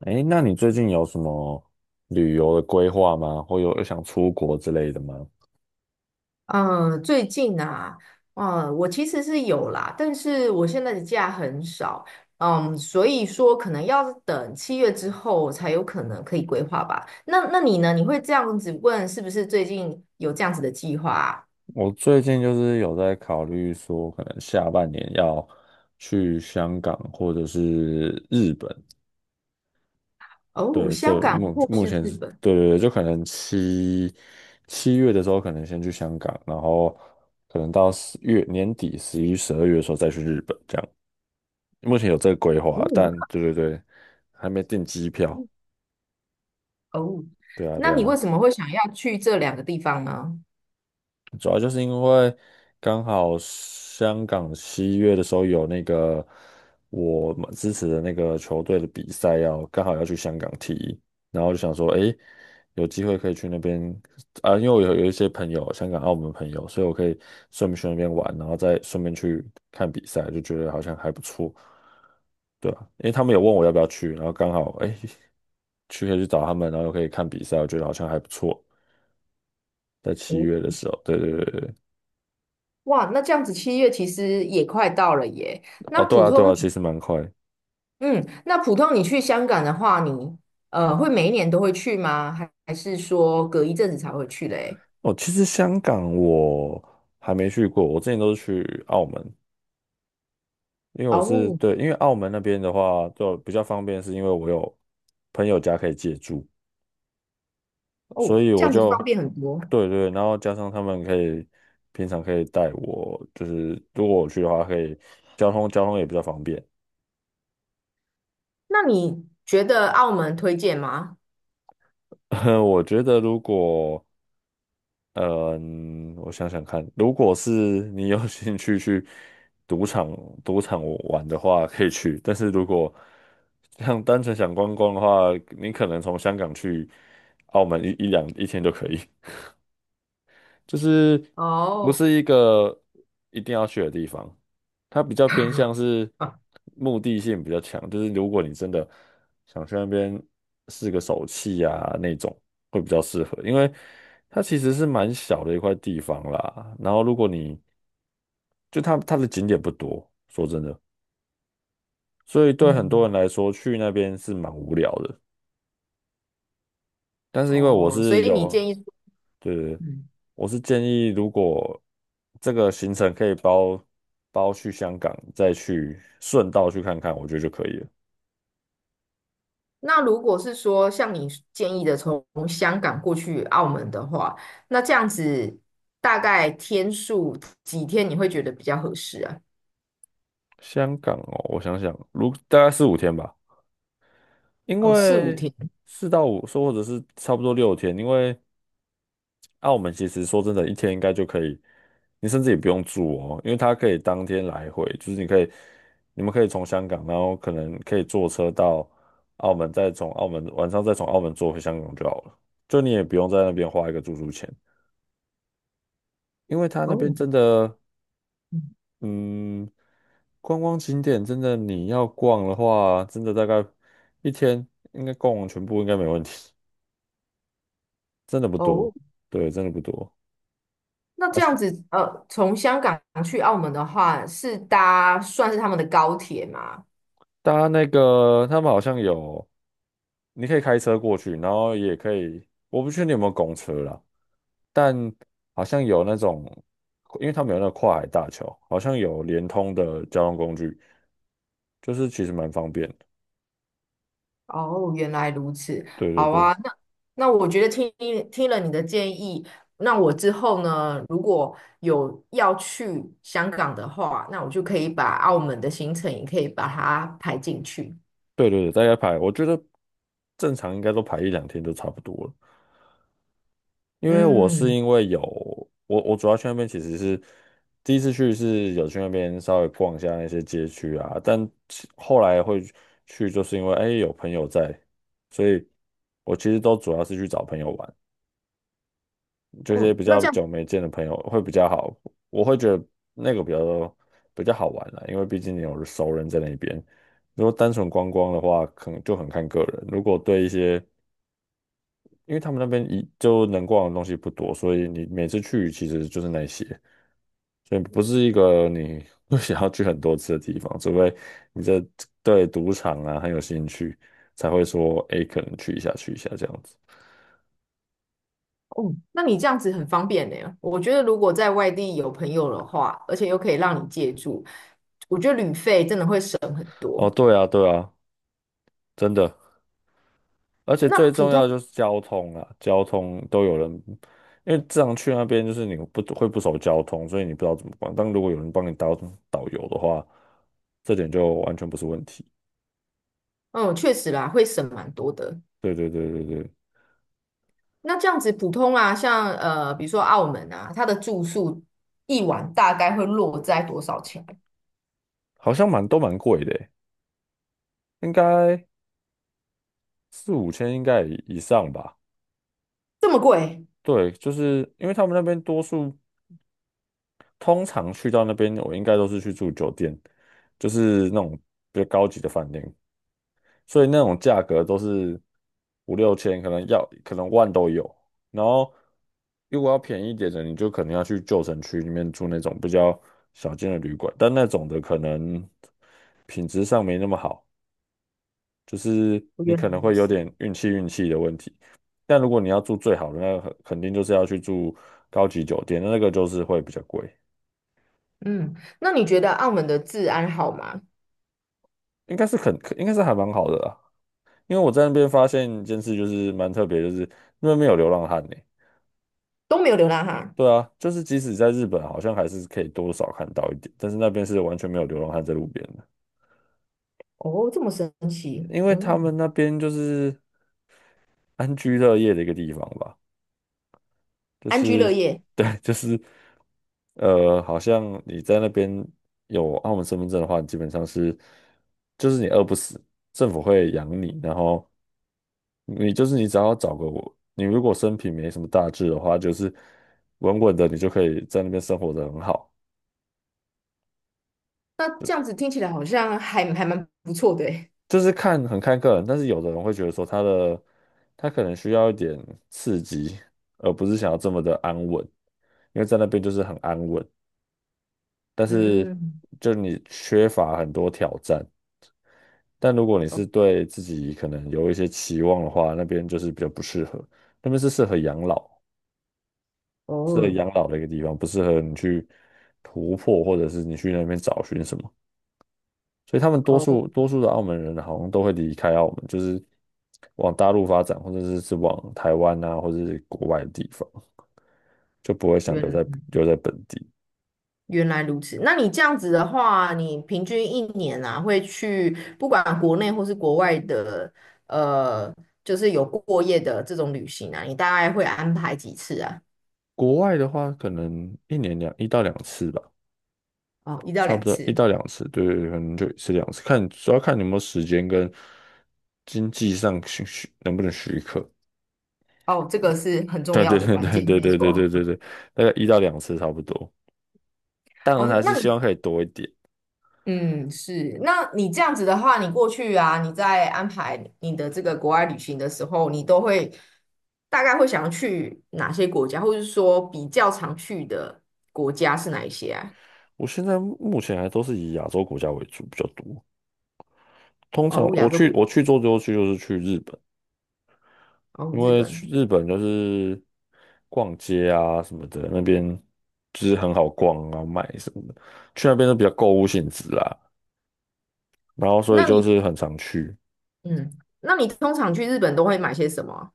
哎，那你最近有什么旅游的规划吗？或有想出国之类的吗？嗯，最近啊，我其实是有啦，但是我现在的假很少，所以说可能要等七月之后才有可能可以规划吧。那你呢？你会这样子问，是不是最近有这样子的计划啊？我最近就是有在考虑说，可能下半年要去香港或者是日本。哦，对，香这港目或目是前日是，本？对对对，就可能七月的时候，可能先去香港，然后可能到十月年底十一、十二月的时候再去日本，这样。目前有这个规划，嗯，但对对对，还没订机票。哦，对啊，对那你为啊。什么会想要去这两个地方呢？主要就是因为刚好香港七月的时候有那个我们支持的那个球队的比赛要刚好要去香港踢，然后就想说，诶，有机会可以去那边啊，因为我有一些朋友，香港、澳门朋友，所以我可以顺便去那边玩，然后再顺便去看比赛，就觉得好像还不错，对啊，因为他们有问我要不要去，然后刚好诶，去可以去找他们，然后又可以看比赛，我觉得好像还不错，在七哦，月的时候，对对对对。对哇，那这样子七月其实也快到了耶。那哦，对普啊，对通啊，其实蛮快。嗯，那普通你去香港的话，你会每一年都会去吗？还是说隔一阵子才会去嘞？哦，其实香港我还没去过，我之前都是去澳门，因为我是哦对，因为澳门那边的话就比较方便，是因为我有朋友家可以借住，所哦，以这我样子方就便很多。对对，然后加上他们可以平常可以带我，就是如果我去的话，可以交通也比较方便。那你觉得澳门推荐吗？我觉得如果嗯，我想想看，如果是你有 兴趣去赌场赌场玩的话，可以去。但是如果像单纯想观光的话，你可能从香港去澳门一天就可以。就是不哦，是一个一定要去的地方，它比较偏向是啊，目的性比较强，就是如果你真的想去那边试个手气啊那种，会比较适合，因为它其实是蛮小的一块地方啦。然后如果你就它的景点不多，说真的，所以对很多嗯，人来说去那边是蛮无聊的。但是因为我哦，所是以你有。建议说对对对，嗯，我是建议，如果这个行程可以包去香港，再去顺道去看看，我觉得就可以了。那如果是说像你建议的从香港过去澳门的话，那这样子大概天数几天你会觉得比较合适啊？香港哦，我想想，如大概四五天吧，因哦，四五为天。四到五，说或者是差不多六天，因为那我们其实说真的，一天应该就可以，你甚至也不用住哦，因为它可以当天来回，就是你可以，你们可以从香港，然后可能可以坐车到澳门，晚上再从澳门坐回香港就好了，就你也不用在那边花一个住宿钱，因为它那边哦，真的，嗯嗯，观光景点真的你要逛的话，真的大概一天应该逛完全部应该没问题，真的不多，哦，对，真的不多。那啊，这样是，子，从香港去澳门的话，是搭算是他们的高铁吗？大家那个他们好像有。你可以开车过去，然后也可以，我不确定有没有公车啦，但好像有那种，因为他们有那个跨海大桥，好像有联通的交通工具，就是其实蛮方便的。哦，原来如此。对对好对啊，那我觉得听了你的建议，那我之后呢，如果有要去香港的话，那我就可以把澳门的行程也可以把它排进去。对对对，大概排，我觉得正常应该都排一两天就差不多了。因为我是嗯，因为有我主要去那边其实是第一次去是有去那边稍微逛一下那些街区啊，但其后来会去就是因为哎有朋友在，所以我其实都主要是去找朋友玩，这些哦，比那较这样，久没见的朋友会比较好，我会觉得那个比较好玩啦，因为毕竟你有熟人在那边。如果单纯观光的话，可能就很看个人。如果对一些因为他们那边一就能逛的东西不多，所以你每次去其实就是那些，所以不是一个你会想要去很多次的地方，除非你这对赌场啊很有兴趣，才会说诶可能去一下去一下这样子。哦，那你这样子很方便呢。我觉得如果在外地有朋友的话，而且又可以让你借住，我觉得旅费真的会省很哦，多。对啊，对啊，真的，而且那最普重要通，的就是交通啊，交通都有人，因为这样去那边就是你不会不熟交通，所以你不知道怎么逛。但如果有人帮你导游的话，这点就完全不是问题。嗯，确实啦，会省蛮多的。对对对对对。那这样子普通啊，像比如说澳门啊，它的住宿一晚大概会落在多少钱？好像蛮贵的欸应该四五千应该以上吧。这么贵？对，就是因为他们那边多数通常去到那边，我应该都是去住酒店，就是那种比较高级的饭店，所以那种价格都是五六千，可能万都有。然后如果要便宜一点的，你就可能要去旧城区里面住那种比较小间的旅馆，但那种的可能品质上没那么好。就是我你原来可能如会有此。点运气的问题。但如果你要住最好的，那肯定就是要去住高级酒店，那个就是会比较贵，嗯，那你觉得澳门的治安好吗？应该是还蛮好的啦。因为我在那边发现一件事，就是蛮特别，就是那边没有流浪汉呢、都没有流浪汉？对啊，就是即使在日本，好像还是可以多少看到一点，但是那边是完全没有流浪汉在路边的，哦，这么神奇。因为他们嗯，那边就是安居乐业的一个地方吧。就安居是乐业。对，就是好像你在那边有澳门身份证的话，基本上是就是你饿不死，政府会养你，然后你就是你只要找个我，你如果身平没什么大志的话，就是稳稳的，你就可以在那边生活的很好。那这样子听起来好像还蛮不错的诶就是看很看个人，但是有的人会觉得说他的他可能需要一点刺激，而不是想要这么的安稳，因为在那边就是很安稳。但是嗯，就你缺乏很多挑战。但如果你哦是对自己可能有一些期望的话，那边就是比较不适合，那边是适合养老，适合哦，养老的一个地方，不适合你去突破，或者是你去那边找寻什么。所以他们多哦，数多数的澳门人好像都会离开澳门，就是往大陆发展，或者是往台湾啊，或者是国外的地方，就不会想留原在来。留在本地。原来如此，那你这样子的话，你平均一年啊，会去不管国内或是国外的，呃，就是有过夜的这种旅行啊，你大概会安排几次啊？国外的话，可能一年一到两次吧。哦，一到差不两多一次。到两次，对对对，可能就一次两次，看主要看你有没有时间跟经济上能不能许可。哦，这个是很重对对要的对关对键，对对没对错。对对对大概一到两次差不多。当然哦，还那是希你，望可以多一点。嗯，是，那你这样子的话，你过去啊，你在安排你的这个国外旅行的时候，你都会大概会想要去哪些国家，或者是说比较常去的国家是哪一些啊？我现在目前还都是以亚洲国家为主比较多。通常哦，亚我洲去我古去做最后去就是去日本，哦，因日为去本。日本就是逛街啊什么的，那边就是很好逛啊，买什么的，去那边都比较购物性质啊。然后所以那就你是很常去，嗯，那你通常去日本都会买些什么啊？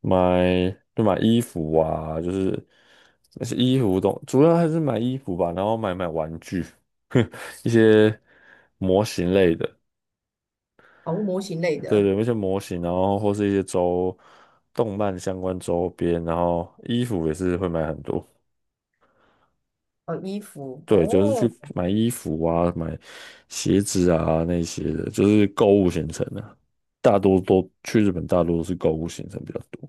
买就买衣服啊，就是那些衣服东，主要还是买衣服吧，然后买玩具，一些模型类的，哦，模型类对的，对，一些模型，然后或是一些动漫相关周边，然后衣服也是会买很多，哦，衣服，对，就是去哦买衣服啊，买鞋子啊那些的，就是购物行程啊，大多都去日本，大多都是购物行程比较多。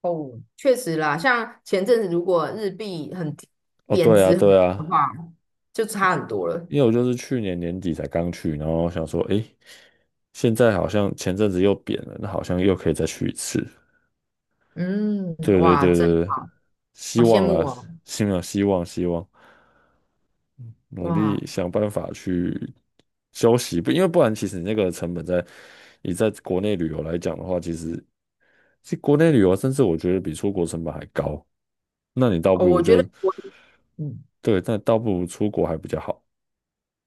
哦，确实啦，像前阵子如果日币很低哦，贬对啊，值很对多的啊，话，就差很多了。因为我就是去年年底才刚去，然后想说，诶，现在好像前阵子又贬了，那好像又可以再去一次。嗯，对对哇，对真对对，希好羡望慕啦，哦，希望希望希望，努哇力想办法去休息，不因为不然，其实你那个成本你在国内旅游来讲的话，其实国内旅游甚至我觉得比出国成本还高，那你倒不哦，如我觉得就我嗯对，但倒不如出国还比较好。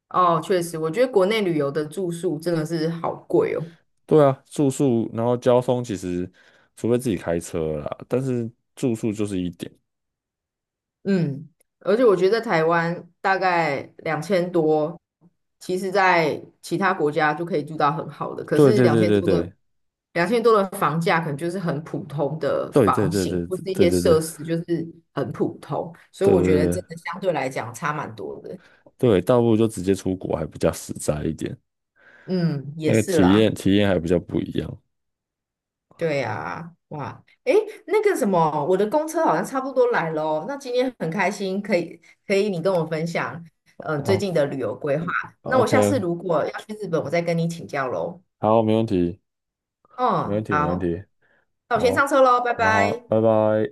哦，确实，我觉得国内旅游的住宿真的是好贵哦。对啊，住宿，然后交通其实，除非自己开车啦，但是住宿就是一点。嗯，而且我觉得在台湾大概两千多，其实在其他国家就可以住到很好的，可对是对两对千对多的对两千多的房价可能就是很普通的对对房对型，对或是一对些对对设施就是很普通，所以对我觉得真对的相对来讲差蛮多的。对，倒不如就直接出国还比较实在一点，嗯，那也个是体啦。验体验还比较不一样。对呀，哇，诶，那个什么，我的公车好像差不多来了哦那今天很开心，可以你跟我分享，最近好的旅游规划。那我下次，OK，如果要去日本，我再跟你请教喽。好，没问题，没问嗯，题，没问好，题，那我先上好，车喽，拜好好，拜。拜拜。